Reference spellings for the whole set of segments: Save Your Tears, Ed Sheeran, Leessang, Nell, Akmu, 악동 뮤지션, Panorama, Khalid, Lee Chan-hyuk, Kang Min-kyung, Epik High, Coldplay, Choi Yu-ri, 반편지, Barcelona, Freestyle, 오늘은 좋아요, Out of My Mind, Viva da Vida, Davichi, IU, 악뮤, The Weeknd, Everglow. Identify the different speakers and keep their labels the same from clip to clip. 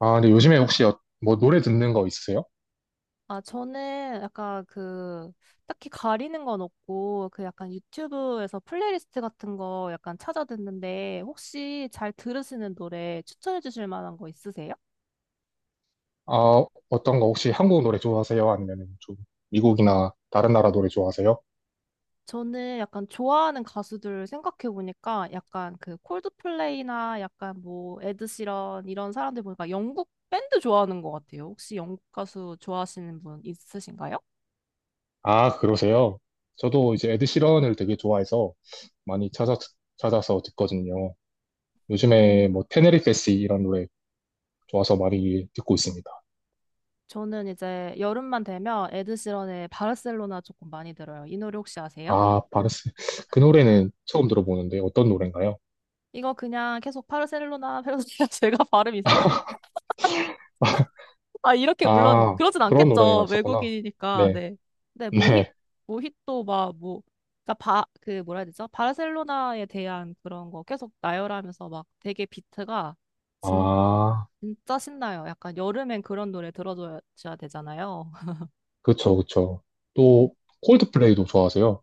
Speaker 1: 아, 근데 요즘에 혹시 노래 듣는 거 있으세요?
Speaker 2: 아, 저는 약간 그, 딱히 가리는 건 없고, 그 약간 유튜브에서 플레이리스트 같은 거 약간 찾아 듣는데, 혹시 잘 들으시는 노래 추천해 주실 만한 거 있으세요?
Speaker 1: 아, 어떤 거 혹시 한국 노래 좋아하세요? 아니면 좀 미국이나 다른 나라 노래 좋아하세요?
Speaker 2: 저는 약간 좋아하는 가수들 생각해 보니까, 약간 그 콜드플레이나 약간 에드시런 이런 사람들 보니까 영국 밴드 좋아하는 것 같아요. 혹시 영국 가수 좋아하시는 분 있으신가요?
Speaker 1: 아, 그러세요? 저도 이제 에드 시런을 되게 좋아해서 많이 찾아, 찾아서 듣거든요. 요즘에 뭐 테네리페시 이런 노래 좋아서 많이 듣고 있습니다.
Speaker 2: 저는 이제 여름만 되면 에드시런의 바르셀로나 조금 많이 들어요. 이 노래 혹시 아세요?
Speaker 1: 아, 바르스. 그 노래는 처음 들어보는데 어떤 노래인가요?
Speaker 2: 이거 그냥 계속 바르셀로나, 페르소나 제가 발음 이상하네요. 아, 이렇게 물론
Speaker 1: 아,
Speaker 2: 그러진
Speaker 1: 그런 노래가
Speaker 2: 않겠죠.
Speaker 1: 있었구나.
Speaker 2: 외국인이니까.
Speaker 1: 네,
Speaker 2: 네. 네, 모히
Speaker 1: 네.
Speaker 2: 모히또 막 그러니까 그 뭐라 해야 되죠? 바르셀로나에 대한 그런 거 계속 나열하면서 막 되게 비트가 진,
Speaker 1: 아,
Speaker 2: 진짜 신나요. 약간 여름엔 그런 노래 들어줘야 되잖아요.
Speaker 1: 그쵸, 그쵸.
Speaker 2: 네.
Speaker 1: 또 콜드플레이도 좋아하세요?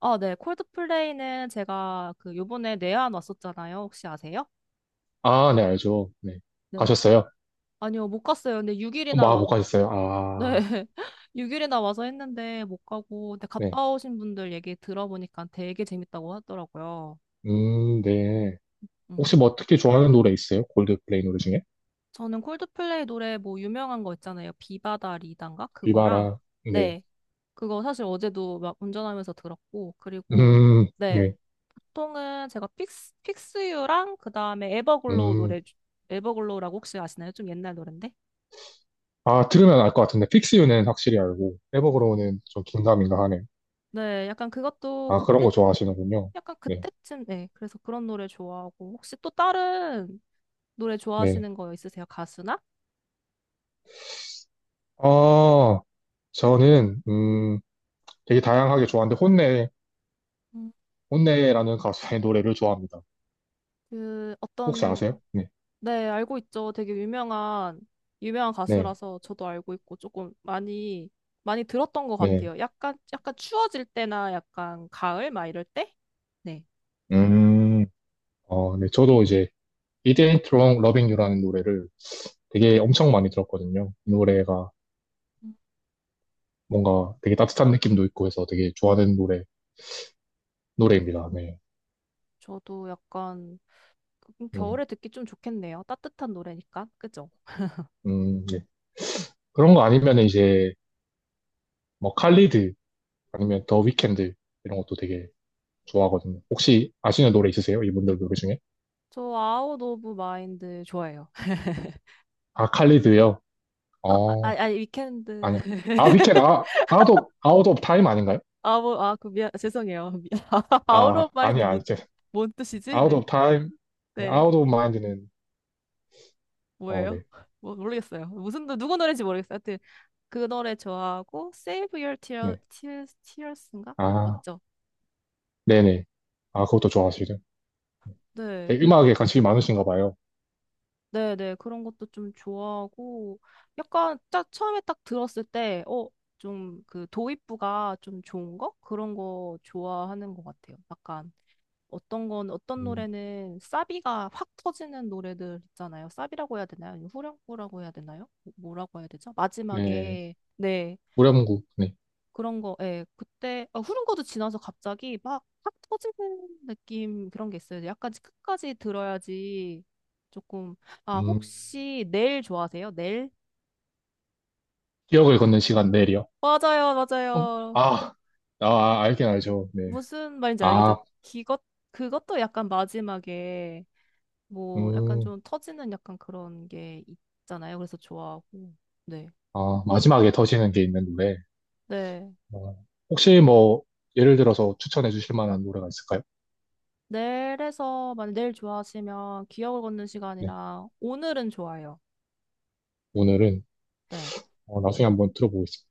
Speaker 2: 아, 네. 콜드플레이는 제가 그 요번에 내한 왔었잖아요. 혹시 아세요?
Speaker 1: 아, 네, 알죠. 네.
Speaker 2: 네.
Speaker 1: 가셨어요?
Speaker 2: 아니요, 못 갔어요. 근데
Speaker 1: 아,
Speaker 2: 6일이나
Speaker 1: 뭐, 아, 못 가셨어요?
Speaker 2: 네.
Speaker 1: 아,
Speaker 2: 6일이나 와서 했는데 못 가고, 근데
Speaker 1: 네.
Speaker 2: 갔다 오신 분들 얘기 들어보니까 되게 재밌다고 하더라고요.
Speaker 1: 네.
Speaker 2: 음.
Speaker 1: 혹시 뭐 특히 좋아하는 노래 있어요? 골드플레이 노래 중에?
Speaker 2: 저는 콜드플레이 노래 뭐 유명한 거 있잖아요. 비바다 리단가? 그거랑,
Speaker 1: 비바라, 네.
Speaker 2: 네. 그거 사실 어제도 막 운전하면서 들었고, 그리고,
Speaker 1: 음,
Speaker 2: 네.
Speaker 1: 네.
Speaker 2: 보통은 제가 픽스유랑 그 다음에 에버글로우
Speaker 1: 음.
Speaker 2: 노래, 에버글로우라고 혹시 아시나요? 좀 옛날 노랜데?
Speaker 1: 아, 들으면 알 것 같은데, 픽스유는 확실히 알고,
Speaker 2: 네,
Speaker 1: 에버그로우는 좀 긴가민가 하네요.
Speaker 2: 네, 약간 그것도
Speaker 1: 아, 그런
Speaker 2: 그때,
Speaker 1: 거 좋아하시는군요.
Speaker 2: 약간
Speaker 1: 네,
Speaker 2: 그때쯤, 네. 그래서 그런 노래 좋아하고, 혹시 또 다른 노래
Speaker 1: 네.
Speaker 2: 좋아하시는 거 있으세요? 가수나?
Speaker 1: 아, 저는, 되게 다양하게 좋아하는데, 혼내,
Speaker 2: 음.
Speaker 1: 혼내라는 가수의 노래를 좋아합니다.
Speaker 2: 그
Speaker 1: 혹시 아세요?
Speaker 2: 어떤
Speaker 1: 네,
Speaker 2: 네, 알고 있죠. 되게 유명한
Speaker 1: 네,
Speaker 2: 가수라서 저도 알고 있고 조금 많이 많이 들었던 것
Speaker 1: 네.
Speaker 2: 같아요. 약간 추워질 때나 약간 가을 막 이럴 때? 네.
Speaker 1: 음, 어, 네. 저도 이제 It Ain't Wrong Loving You라는 노래를 되게 엄청 많이 들었거든요. 이 노래가
Speaker 2: 음.
Speaker 1: 뭔가 되게 따뜻한 느낌도 있고 해서 되게 노래입니다. 네.
Speaker 2: 저도 약간
Speaker 1: 네.
Speaker 2: 겨울에 듣기 좀 좋겠네요. 따뜻한 노래니까. 그죠?
Speaker 1: 네. 그런 거 아니면 이제 뭐 칼리드 아니면 더 위켄드 이런 것도 되게 좋아하거든요. 혹시 아시는 노래 있으세요? 이분들 노래 중에?
Speaker 2: 저 아웃 오브 마인드 좋아해요.
Speaker 1: 아, 칼리드요? 어,
Speaker 2: 아니 위켄드.
Speaker 1: 아니요. 아, 위켄드, 아웃 오브 타임 아닌가요?
Speaker 2: 아, 그 죄송해요. 아웃
Speaker 1: 아,
Speaker 2: 오브 마인드
Speaker 1: 아니야, 이제.
Speaker 2: 뭔 뜻이지?
Speaker 1: 아웃
Speaker 2: 네.
Speaker 1: 오브 타임,
Speaker 2: 네.
Speaker 1: 아웃 오브 마인드는, 어,
Speaker 2: 뭐예요?
Speaker 1: 네.
Speaker 2: 모르겠어요. 누구 노래인지 모르겠어요. 하여튼, 그 노래 좋아하고, Save Your
Speaker 1: 네.
Speaker 2: Tears, Tears인가? 네,
Speaker 1: 아.
Speaker 2: 맞죠?
Speaker 1: 네네. 아, 그것도 좋아하시죠.
Speaker 2: 네,
Speaker 1: 되게
Speaker 2: 요,
Speaker 1: 음악에 관심이 많으신가 봐요.
Speaker 2: 네, 네. 그런 것도 좀 좋아하고, 약간, 딱, 처음에 딱 들었을 때, 좀, 그, 도입부가 좀 좋은 거? 그런 거 좋아하는 것 같아요. 약간, 어떤
Speaker 1: 음,
Speaker 2: 노래는, 사비가 확 터지는 노래들 있잖아요. 사비라고 해야 되나요? 아니면 후렴구라고 해야 되나요? 뭐라고 해야 되죠?
Speaker 1: 네.
Speaker 2: 마지막에, 네.
Speaker 1: 우량국, 네.
Speaker 2: 그런 거, 예, 그때, 후른거도 지나서 갑자기 막, 확 터지는 느낌, 그런 게 있어요. 약간 끝까지 들어야지 조금, 아,
Speaker 1: 음,
Speaker 2: 혹시 넬 좋아하세요? 넬?
Speaker 1: 기억을 걷는 시간 내일이요.
Speaker 2: 맞아요, 맞아요.
Speaker 1: 아, 아, 아, 알긴 알죠. 네.
Speaker 2: 무슨 말인지 알겠죠?
Speaker 1: 아,
Speaker 2: 기것, 그것도 약간 마지막에, 뭐, 약간
Speaker 1: 음,
Speaker 2: 좀 터지는 약간 그런 게 있잖아요. 그래서 좋아하고, 네.
Speaker 1: 아, 마지막에 터지는 게 있는 노래.
Speaker 2: 네,
Speaker 1: 어, 혹시 뭐, 예를 들어서 추천해 주실 만한 노래가 있을까요?
Speaker 2: 네. 일에서 만약 네일 좋아하시면, 기억을 걷는
Speaker 1: 네.
Speaker 2: 시간이랑, 오늘은 좋아요.
Speaker 1: 오늘은,
Speaker 2: 네.
Speaker 1: 어, 나중에 한번 들어보겠습니다.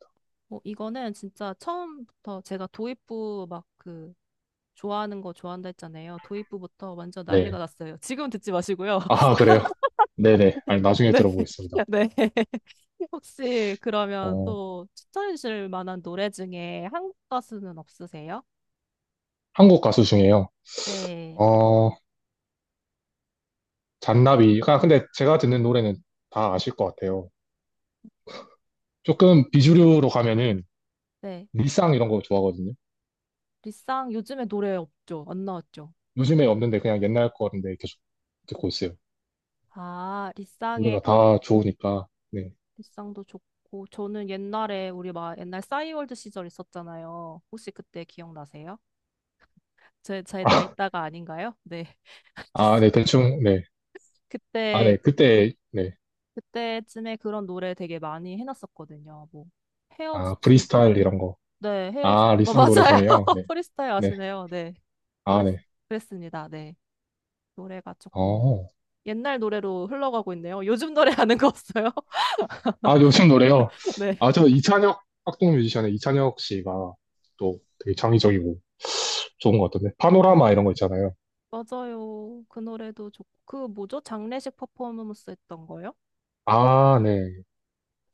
Speaker 2: 어, 이거는 진짜 처음부터 제가 도입부 막 그 좋아하는 거 좋아한다 했잖아요. 도입부부터 완전 난리가
Speaker 1: 네.
Speaker 2: 났어요. 지금 듣지 마시고요.
Speaker 1: 아, 그래요? 네네. 아니, 나중에
Speaker 2: 네.
Speaker 1: 들어보겠습니다.
Speaker 2: 네. 혹시 그러면
Speaker 1: 어,
Speaker 2: 또 추천해 주실 만한 노래 중에 한국 가수는 없으세요?
Speaker 1: 한국 가수 중에요.
Speaker 2: 네.
Speaker 1: 어, 잔나비가 근데 제가 듣는 노래는 다 아실 것 같아요. 조금 비주류로 가면은
Speaker 2: 네.
Speaker 1: 리쌍 이런 거 좋아하거든요.
Speaker 2: 리쌍 요즘에 노래 없죠? 안 나왔죠?
Speaker 1: 요즘에 없는데 그냥 옛날 거인데 계속 듣고 있어요.
Speaker 2: 아,
Speaker 1: 노래가 다 좋으니까. 네.
Speaker 2: 리쌍도 좋고 저는 옛날에 우리 막 옛날 싸이월드 시절 있었잖아요. 혹시 그때 기억나세요? 제 나이대가 아닌가요? 네.
Speaker 1: 아,
Speaker 2: 알겠습니다.
Speaker 1: 네, 대충, 네. 아,
Speaker 2: 그때,
Speaker 1: 네, 그때, 네.
Speaker 2: 그때쯤에 그런 노래 되게 많이 해놨었거든요.
Speaker 1: 아,
Speaker 2: 헤어지지,
Speaker 1: 프리스타일 이런 거.
Speaker 2: 네,
Speaker 1: 아, 리쌍 노래
Speaker 2: 맞아요.
Speaker 1: 중에요. 네,
Speaker 2: 프리스타일
Speaker 1: 네.
Speaker 2: 아시네요. 네.
Speaker 1: 아,
Speaker 2: 그랬,
Speaker 1: 네.
Speaker 2: 그랬습니다. 네. 노래가 조금
Speaker 1: 어.
Speaker 2: 옛날 노래로 흘러가고 있네요. 요즘 노래 아는 거 없어요?
Speaker 1: 아, 요즘 노래요.
Speaker 2: 네.
Speaker 1: 아, 저 이찬혁, 학동 뮤지션의 이찬혁 씨가 또 되게 창의적이고 좋은 것 같던데. 파노라마 이런 거 있잖아요.
Speaker 2: 맞아요. 그 노래도 좋고, 그 뭐죠? 장례식 퍼포먼스 했던 거요?
Speaker 1: 아, 네.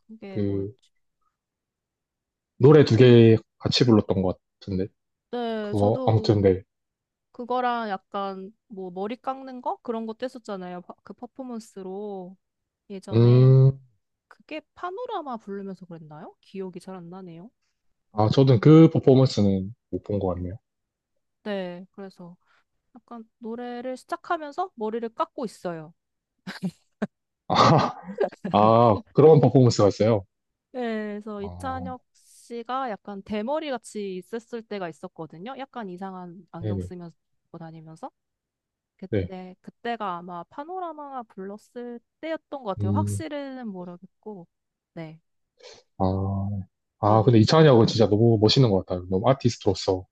Speaker 2: 그게
Speaker 1: 그
Speaker 2: 뭐였지?
Speaker 1: 노래 두 개 같이 불렀던 것 같은데
Speaker 2: 네,
Speaker 1: 그거
Speaker 2: 저도
Speaker 1: 아무튼 네.
Speaker 2: 그거랑 약간 뭐 머리 깎는 거? 그런 것도 했었잖아요. 그 퍼포먼스로 예전에
Speaker 1: 음,
Speaker 2: 그게 파노라마 부르면서 그랬나요? 기억이 잘 안 나네요.
Speaker 1: 아
Speaker 2: 음.
Speaker 1: 저는 그 퍼포먼스는 못 본 것 같네요.
Speaker 2: 네, 그래서 약간 노래를 시작하면서 머리를 깎고 있어요.
Speaker 1: 아, 아 그런 퍼포먼스가 있어요.
Speaker 2: 네, 그래서
Speaker 1: 아,
Speaker 2: 이찬혁 씨가 약간 대머리 같이 있었을 때가 있었거든요. 약간 이상한 안경
Speaker 1: 네네.
Speaker 2: 쓰면서 다니면서.
Speaker 1: 네.
Speaker 2: 그때가 아마 파노라마가 불렀을 때였던 것 같아요.
Speaker 1: 음,
Speaker 2: 확실히는 모르겠고. 네.
Speaker 1: 아, 아 근데 이찬이 형은 진짜 너무 멋있는 것 같아요. 너무 아티스트로서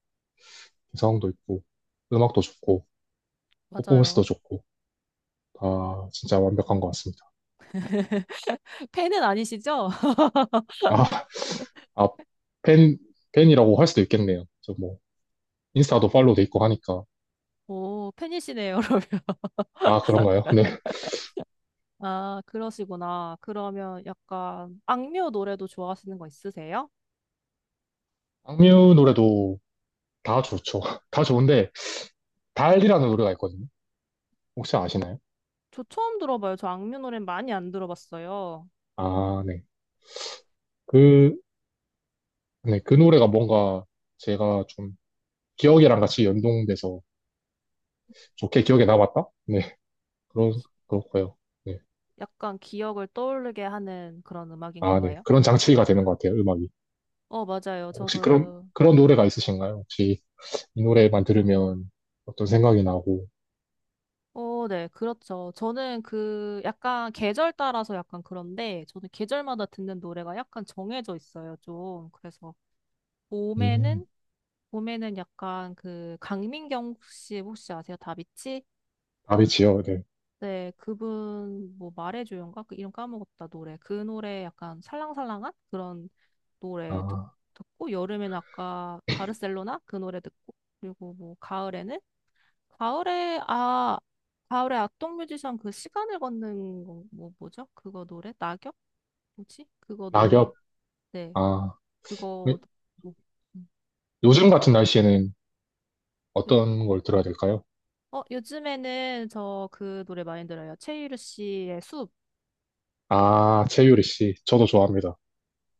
Speaker 1: 개성도 있고 음악도 좋고 퍼포먼스도
Speaker 2: 맞아요.
Speaker 1: 좋고 다 진짜 완벽한 것 같습니다.
Speaker 2: 팬은 아니시죠?
Speaker 1: 아, 아, 팬, 팬이라고 할 수도 있겠네요. 저 뭐 인스타도 팔로우 돼 있고 하니까.
Speaker 2: 오, 팬이시네요, 그러면.
Speaker 1: 아, 그런가요? 네.
Speaker 2: 아, 그러시구나. 그러면 약간 악뮤 노래도 좋아하시는 거 있으세요?
Speaker 1: 악뮤 노래도 다 좋죠. 다 좋은데, 달이라는 노래가 있거든요. 혹시 아시나요?
Speaker 2: 저 처음 들어봐요. 저 악뮤 노래 많이 안 들어봤어요.
Speaker 1: 아, 네. 그, 네. 그 노래가 뭔가 제가 좀 기억이랑 같이 연동돼서 좋게 기억에 남았다? 네. 그런,
Speaker 2: 기-
Speaker 1: 그렇고요. 네.
Speaker 2: 약간 기억을 떠오르게 하는 그런 음악인가
Speaker 1: 아, 네.
Speaker 2: 봐요.
Speaker 1: 그런 장치가 되는 것 같아요, 음악이.
Speaker 2: 어, 맞아요.
Speaker 1: 혹시 그런,
Speaker 2: 저도,
Speaker 1: 그런 노래가 있으신가요? 혹시 이 노래만 들으면 어떤 생각이 나고,
Speaker 2: 어, 네, 그렇죠. 저는 그 약간 계절 따라서 약간 그런데 저는 계절마다 듣는 노래가 약간 정해져 있어요, 좀. 그래서
Speaker 1: 음,
Speaker 2: 봄에는 약간 그 강민경 씨 혹시 아세요? 다비치?
Speaker 1: 다비치요. 네.
Speaker 2: 네, 그분 뭐 말해줘요인가? 그 이름 까먹었다 노래. 그 노래 약간 살랑살랑한 그런 노래
Speaker 1: 아,
Speaker 2: 듣고 여름엔 아까 바르셀로나 그 노래 듣고 그리고 뭐 가을에는 가을에 아 가을에 악동 뮤지션 그 시간을 걷는 거, 뭐 뭐죠? 그거 노래 낙엽? 뭐지? 그거 노래
Speaker 1: 낙엽.
Speaker 2: 네
Speaker 1: 아,
Speaker 2: 그거
Speaker 1: 네.
Speaker 2: 듣고 음.
Speaker 1: 요즘 같은 날씨에는
Speaker 2: 요-
Speaker 1: 어떤 걸 들어야 될까요?
Speaker 2: 요즘에는 저 그 노래 많이 들어요. 최유리 씨의 숲.
Speaker 1: 아, 최유리 씨. 저도 좋아합니다.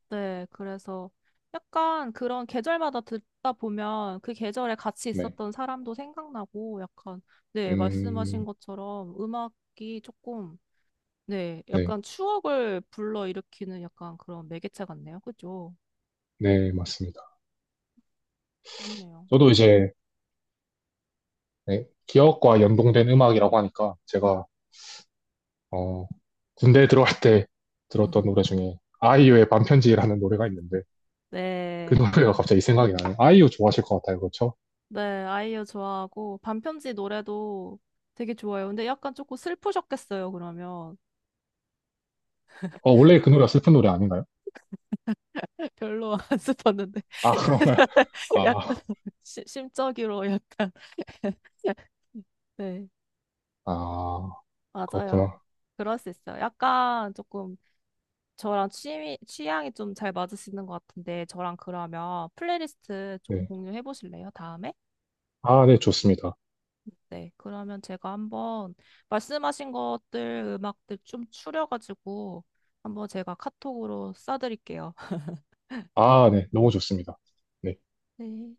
Speaker 2: 네, 그래서 약간 그런 계절마다 듣다 보면 그 계절에 같이
Speaker 1: 네.
Speaker 2: 있었던 사람도 생각나고 약간, 네, 말씀하신
Speaker 1: 음,
Speaker 2: 것처럼 음악이 조금, 네,
Speaker 1: 네.
Speaker 2: 약간 추억을 불러일으키는 약간 그런 매개체 같네요. 그죠?
Speaker 1: 네, 맞습니다.
Speaker 2: 그렇네요.
Speaker 1: 저도 이제, 네, 기억과 연동된 음악이라고 하니까 제가, 어, 군대에 들어갈 때 들었던 노래 중에 아이유의 반편지라는 노래가 있는데 그
Speaker 2: 네,
Speaker 1: 노래가 갑자기 생각이 나네요. 아이유 좋아하실 것 같아요. 그렇죠?
Speaker 2: 네, 아이유 좋아하고 반편지 노래도 되게 좋아요. 근데 약간 조금 슬프셨겠어요, 그러면.
Speaker 1: 어, 원래 그 노래가 슬픈 노래 아닌가요?
Speaker 2: 별로 안 슬펐는데
Speaker 1: 아, 그런가요?
Speaker 2: 그날 약간
Speaker 1: 아,
Speaker 2: 심적으로 약간 네
Speaker 1: 아,
Speaker 2: 맞아요
Speaker 1: 그렇구나.
Speaker 2: 그럴 수 있어요 약간 조금 저랑 취미 취향이 좀 잘 맞으시는 것 같은데 저랑 그러면 플레이리스트 좀
Speaker 1: 네.
Speaker 2: 공유해 보실래요 다음에
Speaker 1: 아, 네, 좋습니다.
Speaker 2: 네 그러면 제가 한번 말씀하신 것들 음악들 좀 추려가지고 한번 제가 카톡으로 쏴드릴게요
Speaker 1: 아, 네, 너무 좋습니다. 네.
Speaker 2: 네.